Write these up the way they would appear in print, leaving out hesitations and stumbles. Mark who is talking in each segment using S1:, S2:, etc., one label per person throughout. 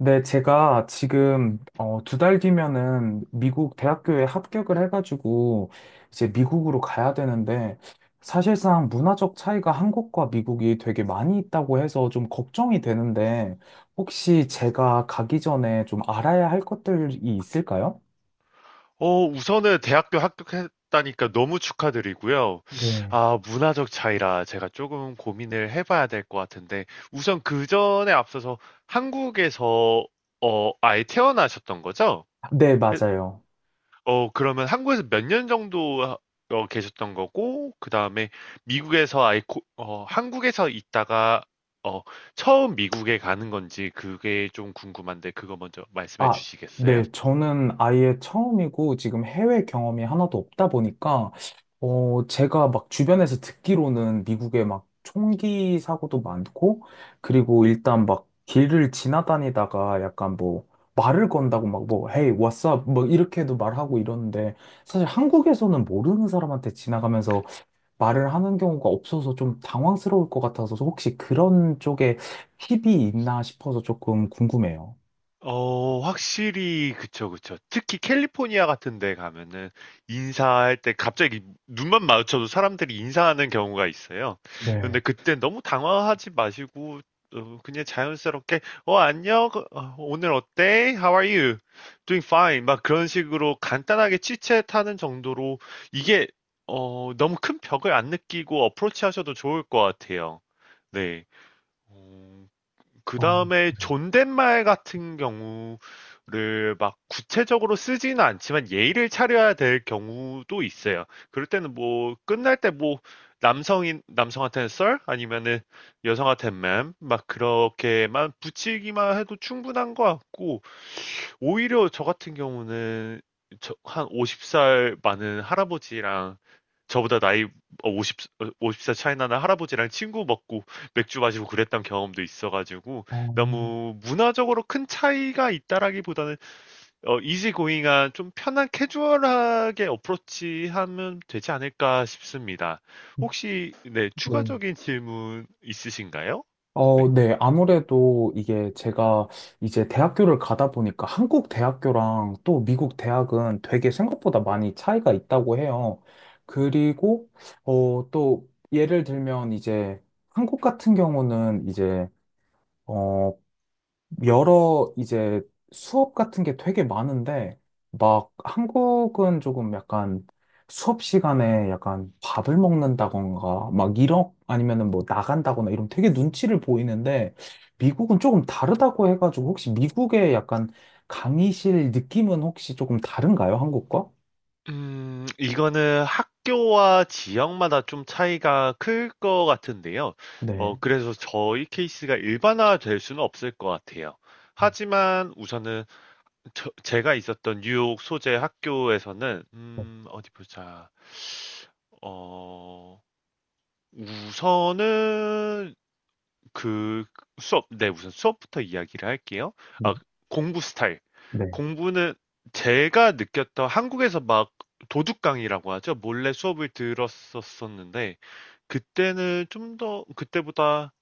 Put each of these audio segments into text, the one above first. S1: 네, 제가 지금 두 달 뒤면은 미국 대학교에 합격을 해가지고 이제 미국으로 가야 되는데 사실상 문화적 차이가 한국과 미국이 되게 많이 있다고 해서 좀 걱정이 되는데 혹시 제가 가기 전에 좀 알아야 할 것들이 있을까요?
S2: 우선은 대학교 합격했다니까 너무 축하드리고요.
S1: 네.
S2: 아, 문화적 차이라 제가 조금 고민을 해봐야 될 것 같은데, 우선 그 전에 앞서서 한국에서, 아예 태어나셨던 거죠?
S1: 네,
S2: 그-
S1: 맞아요.
S2: 그러면 한국에서 몇 년 정도 계셨던 거고, 그 다음에 미국에서 아예, 한국에서 있다가, 어, 처음 미국에 가는 건지 그게 좀 궁금한데, 그거 먼저 말씀해
S1: 아,
S2: 주시겠어요?
S1: 네. 저는 아예 처음이고 지금 해외 경험이 하나도 없다 보니까, 제가 막 주변에서 듣기로는 미국에 막 총기 사고도 많고, 그리고 일단 막 길을 지나다니다가 약간 뭐 말을 건다고 막 뭐, Hey, what's up? 뭐 이렇게도 말하고 이러는데, 사실 한국에서는 모르는 사람한테 지나가면서 말을 하는 경우가 없어서 좀 당황스러울 것 같아서 혹시 그런 쪽에 팁이 있나 싶어서 조금 궁금해요.
S2: 확실히 그쵸, 그쵸. 특히 캘리포니아 같은 데 가면은 인사할 때 갑자기 눈만 마주쳐도 사람들이 인사하는 경우가 있어요. 근데
S1: 네.
S2: 그때 너무 당황하지 마시고 그냥 자연스럽게 "어 안녕. 어 오늘 어때? How are you? Doing fine." 막 그런 식으로 간단하게 치 h 하는 정도로 이게 너무 큰 벽을 안 느끼고 approach하셔도 좋을 것 같아요. 네. 어. 그
S1: 어,
S2: 다음에
S1: 네.
S2: 존댓말 같은 경우를 막 구체적으로 쓰지는 않지만 예의를 차려야 될 경우도 있어요. 그럴 때는 뭐 끝날 때 뭐 남성인 남성한테는 썰 아니면은 여성한테는 맴막 그렇게만 붙이기만 해도 충분한 것 같고 오히려 저 같은 경우는 한 50살 많은 할아버지랑 저보다 나이 어, 50, 어, 50살 차이 나는 할아버지랑 친구 먹고 맥주 마시고 그랬던 경험도 있어가지고
S1: 어,
S2: 너무 문화적으로 큰 차이가 있다라기보다는 이지고잉한 좀 편한 캐주얼하게 어프로치하면 되지 않을까 싶습니다. 혹시 네,
S1: 네.
S2: 추가적인 질문 있으신가요? 네.
S1: 어, 네. 아무래도 이게 제가 이제 대학교를 가다 보니까 한국 대학교랑 또 미국 대학은 되게 생각보다 많이 차이가 있다고 해요. 그리고, 또 예를 들면 이제 한국 같은 경우는 이제, 어, 여러 이제 수업 같은 게 되게 많은데, 막 한국은 조금 약간 수업 시간에 약간 밥을 먹는다던가, 막 이런, 아니면은 뭐 나간다거나 이런 되게 눈치를 보이는데, 미국은 조금 다르다고 해가지고, 혹시 미국의 약간 강의실 느낌은 혹시 조금 다른가요? 한국과?
S2: 이거는 학교와 지역마다 좀 차이가 클 것 같은데요.
S1: 네.
S2: 그래서 저희 케이스가 일반화 될 수는 없을 것 같아요. 하지만 우선은 제가 있었던 뉴욕 소재 학교에서는,
S1: 네.
S2: 어디 보자. 어, 우선은 그 수업 네 우선 수업부터 이야기를 할게요.
S1: 네.
S2: 아, 공부 스타일.
S1: 네.
S2: 공부는 제가 느꼈던 한국에서 막 도둑 강의라고 하죠. 몰래 수업을 들었었었는데 그때는 좀 더 그때보다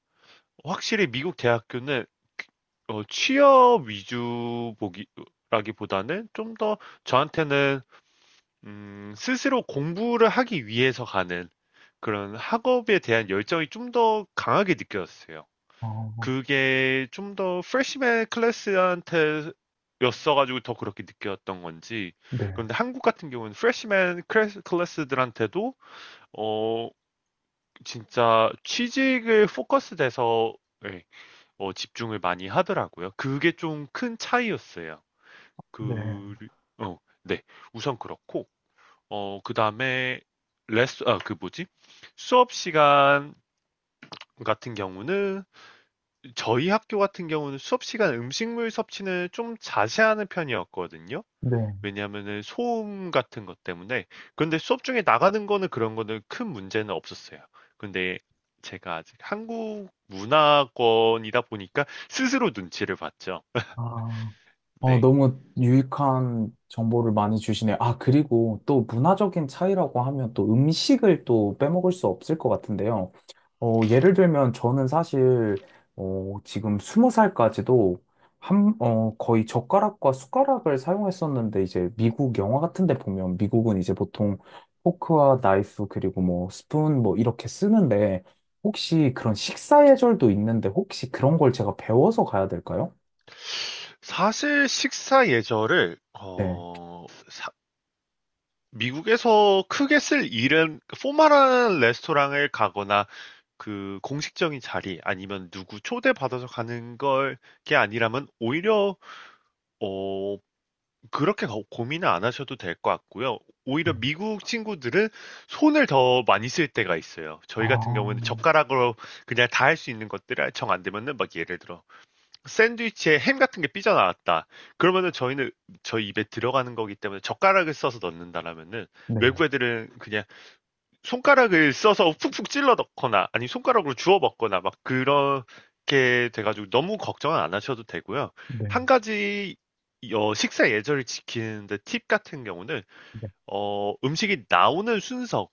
S2: 확실히 미국 대학교는 취업 위주 보기라기보다는 좀 더 저한테는 스스로 공부를 하기 위해서 가는 그런 학업에 대한 열정이 좀 더 강하게 느껴졌어요.
S1: 아,
S2: 그게 좀 더 프레시맨 클래스한테 였어가지고 더 그렇게 느꼈던 건지
S1: 네.
S2: 그런데 한국 같은 경우는 프레시맨 클래스, 클래스들한테도 어 진짜 취직을 포커스 돼서 예, 집중을 많이 하더라고요. 그게 좀 큰 차이였어요.
S1: 네.
S2: 그, 어, 네. 우선 그렇고, 그 다음에, 아, 그 뭐지? 수업 시간 같은 경우는 저희 학교 같은 경우는 수업 시간 음식물 섭취는 좀 자제하는 편이었거든요.
S1: 네.
S2: 왜냐하면은 소음 같은 것 때문에. 근데 수업 중에 나가는 거는 그런 거는 큰 문제는 없었어요. 근데 제가 아직 한국 문화권이다 보니까 스스로 눈치를 봤죠.
S1: 아. 어,
S2: 네.
S1: 너무 유익한 정보를 많이 주시네요. 아, 그리고 또 문화적인 차이라고 하면 또 음식을 또 빼먹을 수 없을 것 같은데요. 예를 들면 저는 사실, 지금 스무 살까지도 한, 어, 거의 젓가락과 숟가락을 사용했었는데 이제 미국 영화 같은 데 보면 미국은 이제 보통 포크와 나이프 그리고 뭐 스푼 뭐 이렇게 쓰는데 혹시 그런 식사 예절도 있는데 혹시 그런 걸 제가 배워서 가야 될까요?
S2: 사실 식사 예절을
S1: 네.
S2: 미국에서 크게 쓸 일은 포멀한 레스토랑을 가거나 그 공식적인 자리 아니면 누구 초대받아서 가는 걸 게 아니라면 오히려 어 그렇게 고민을 안 하셔도 될 것 같고요. 오히려
S1: 네.
S2: 미국 친구들은 손을 더 많이 쓸 때가 있어요.
S1: 아.
S2: 저희 같은 경우에는 젓가락으로 그냥 다 할 수 있는 것들을 정 안 되면은 막 예를 들어 샌드위치에 햄 같은 게 삐져나왔다. 그러면은 저희는 저희 입에 들어가는 거기 때문에 젓가락을 써서 넣는다라면은
S1: 네,
S2: 외국 애들은 그냥 손가락을 써서 푹푹 찔러 넣거나 아니 손가락으로 주워 먹거나 막 그렇게 돼가지고 너무 걱정은 안 하셔도 되고요. 한
S1: 네,
S2: 가지 식사 예절을 지키는데 팁 같은 경우는
S1: 네.
S2: 음식이 나오는 순서일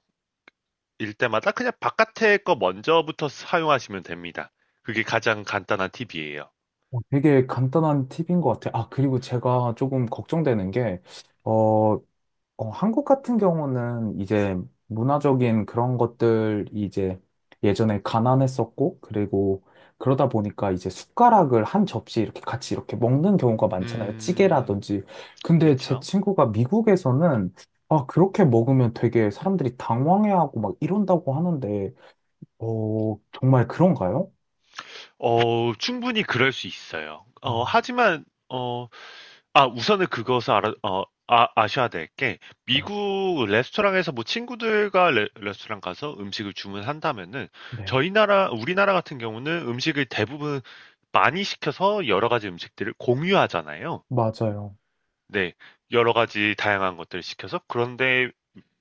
S2: 때마다 그냥 바깥에 거 먼저부터 사용하시면 됩니다. 그게 가장 간단한 팁이에요.
S1: 어, 되게 간단한 팁인 것 같아요. 아, 그리고 제가 조금 걱정되는 게, 어, 한국 같은 경우는 이제 문화적인 그런 것들이 이제 예전에 가난했었고, 그리고 그러다 보니까 이제 숟가락을 한 접시 이렇게 같이 이렇게 먹는 경우가 많잖아요.
S2: 음,
S1: 찌개라든지. 근데 제
S2: 그렇죠.
S1: 친구가 미국에서는 아, 그렇게 먹으면 되게 사람들이 당황해하고 막 이런다고 하는데, 어, 정말 그런가요?
S2: 충분히 그럴 수 있어요.
S1: 아,
S2: 하지만 우선은 그것을 아셔야 될 게,
S1: 네,
S2: 미국 레스토랑에서 뭐 친구들과 스토랑 가서 음식을 주문한다면은,
S1: 네.
S2: 우리나라 같은 경우는 음식을 대부분 많이 시켜서 여러 가지 음식들을 공유하잖아요.
S1: 맞아요.
S2: 네, 여러 가지 다양한 것들을 시켜서. 그런데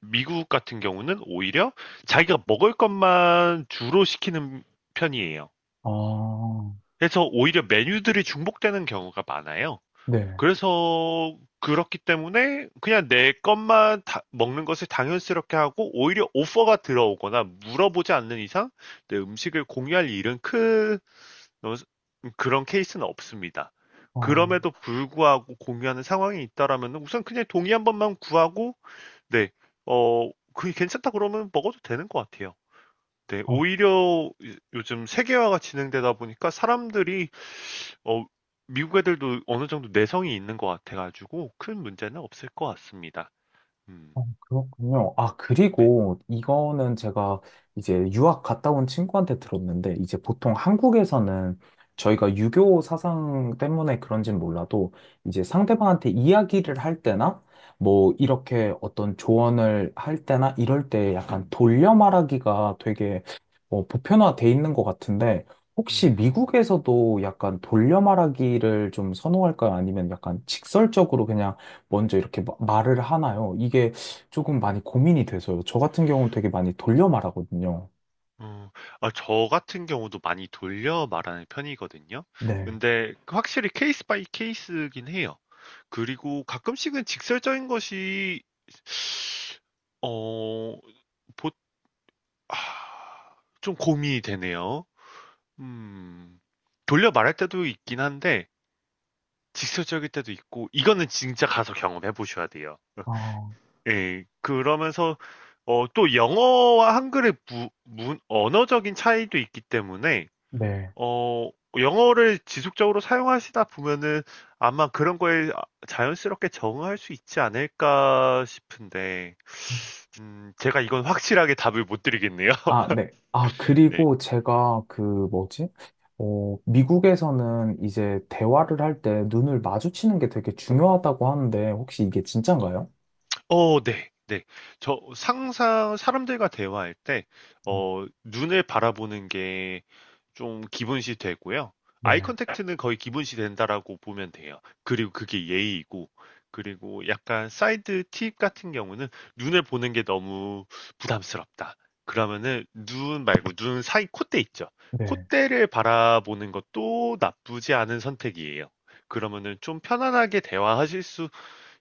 S2: 미국 같은 경우는 오히려 자기가 먹을 것만 주로 시키는 편이에요.
S1: 아,
S2: 그래서 오히려 메뉴들이 중복되는 경우가 많아요.
S1: 네.
S2: 그래서 그렇기 때문에 그냥 내 것만 먹는 것을 당연스럽게 하고 오히려 오퍼가 들어오거나 물어보지 않는 이상 내 음식을 공유할 일은 큰 어, 그런 케이스는 없습니다.
S1: 아,
S2: 그럼에도 불구하고 공유하는 상황이 있다라면 우선 그냥 동의 한 번만 구하고 네, 그게 괜찮다 그러면 먹어도 되는 것 같아요. 네,
S1: 아,
S2: 오히려 요즘 세계화가 진행되다 보니까 사람들이 어, 미국 애들도 어느 정도 내성이 있는 것 같아가지고 큰 문제는 없을 것 같습니다. 음,
S1: 어, 그렇군요. 아,
S2: 네.
S1: 그리고 이거는 제가 이제 유학 갔다 온 친구한테 들었는데, 이제 보통 한국에서는 저희가 유교 사상 때문에 그런진 몰라도, 이제 상대방한테 이야기를 할 때나, 뭐, 이렇게 어떤 조언을 할 때나, 이럴 때 약간 돌려 말하기가 되게 보편화돼 있는 것 같은데, 혹시
S2: 음,
S1: 미국에서도 약간 돌려 말하기를 좀 선호할까요? 아니면 약간 직설적으로 그냥 먼저 이렇게 말을 하나요? 이게 조금 많이 고민이 돼서요. 저 같은 경우는 되게 많이 돌려 말하거든요.
S2: 어, 저 같은 경우도 많이 돌려 말하는 편이거든요.
S1: 네.
S2: 근데 확실히 케이스 바이 케이스긴 해요. 그리고 가끔씩은 직설적인 것이, 어, 보, 아, 좀 고민이 되네요. 음, 돌려 말할 때도 있긴 한데, 직설적일 때도 있고, 이거는 진짜 가서 경험해 보셔야 돼요.
S1: 아,
S2: 예, 그러면서 또 영어와 한글의 언어적인 차이도 있기 때문에
S1: 네.
S2: 어, 영어를 지속적으로 사용하시다 보면은 아마 그런 거에 자연스럽게 적응할 수 있지 않을까 싶은데 제가 이건 확실하게 답을 못 드리겠네요.
S1: 아, 네. 아,
S2: 네.
S1: 그리고 제가 그 뭐지? 어, 미국에서는 이제 대화를 할 때 눈을 마주치는 게 되게 중요하다고 하는데 혹시 이게 진짠가요?
S2: 네. 네. 저 항상 사람들과 대화할 때
S1: 음.
S2: 눈을 바라보는 게 좀 기본시 되고요. 아이
S1: 네.
S2: 컨택트는 거의 기본시 된다라고 보면 돼요. 그리고 그게 예의이고 그리고 약간 사이드 팁 같은 경우는 눈을 보는 게 너무 부담스럽다. 그러면은 눈 말고 눈 사이 콧대 있죠.
S1: 네.
S2: 콧대를 바라보는 것도 나쁘지 않은 선택이에요. 그러면은 좀 편안하게 대화하실 수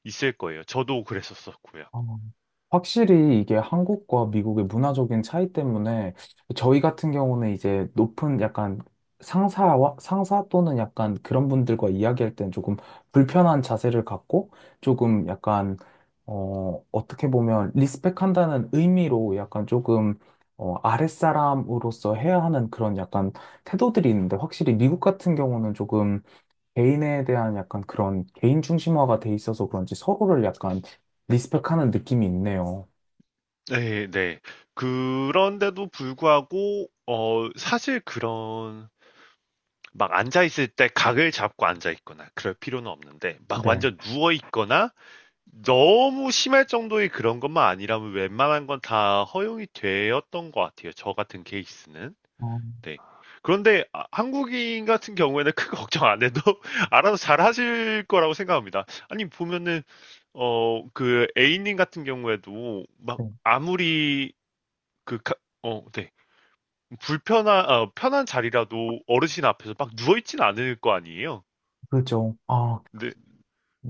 S2: 있을 거예요. 저도 그랬었었고요.
S1: 아,
S2: 음.
S1: 확실히 이게 한국과 미국의 문화적인 차이 때문에 저희 같은 경우는 이제 높은 약간 상사 또는 약간 그런 분들과 이야기할 땐 조금 불편한 자세를 갖고 조금 약간 어 어떻게 보면 리스펙한다는 의미로 약간 조금 어 아랫사람으로서 해야 하는 그런 약간 태도들이 있는데 확실히 미국 같은 경우는 조금 개인에 대한 약간 그런 개인 중심화가 돼 있어서 그런지 서로를 약간 리스펙하는 느낌이 있네요.
S2: 네, 네. 그런데도 불구하고, 사실 그런, 막 앉아있을 때 각을 잡고 앉아있거나 그럴 필요는 없는데, 막
S1: 네.
S2: 완전 누워있거나 너무 심할 정도의 그런 것만 아니라면 웬만한 건 다 허용이 되었던 것 같아요. 저 같은 케이스는.
S1: 어,
S2: 네. 그런데 아, 한국인 같은 경우에는 크게 걱정 안 해도 알아서 잘 하실 거라고 생각합니다. 아니, 보면은, 그 A님 같은 경우에도 막
S1: 네.
S2: 아무리 그, 가- 네. 편한 자리라도 어르신 앞에서 막 누워있진 않을 거 아니에요?
S1: 그죠. 아,
S2: 네,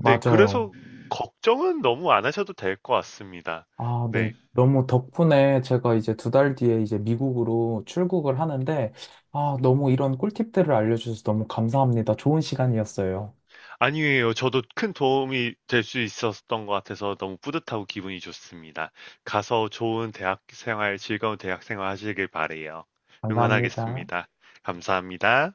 S2: 네. 그래서 걱정은 너무 안 하셔도 될 것 같습니다.
S1: 아, 네.
S2: 네.
S1: 너무 덕분에 제가 이제 두 달 뒤에 이제 미국으로 출국을 하는데, 아, 너무 이런 꿀팁들을 알려주셔서 너무 감사합니다. 좋은 시간이었어요.
S2: 아니에요. 저도 큰 도움이 될 수 있었던 것 같아서 너무 뿌듯하고 기분이 좋습니다. 가서 좋은 대학 생활, 즐거운 대학 생활 하시길 바래요.
S1: 감사합니다.
S2: 응원하겠습니다. 감사합니다.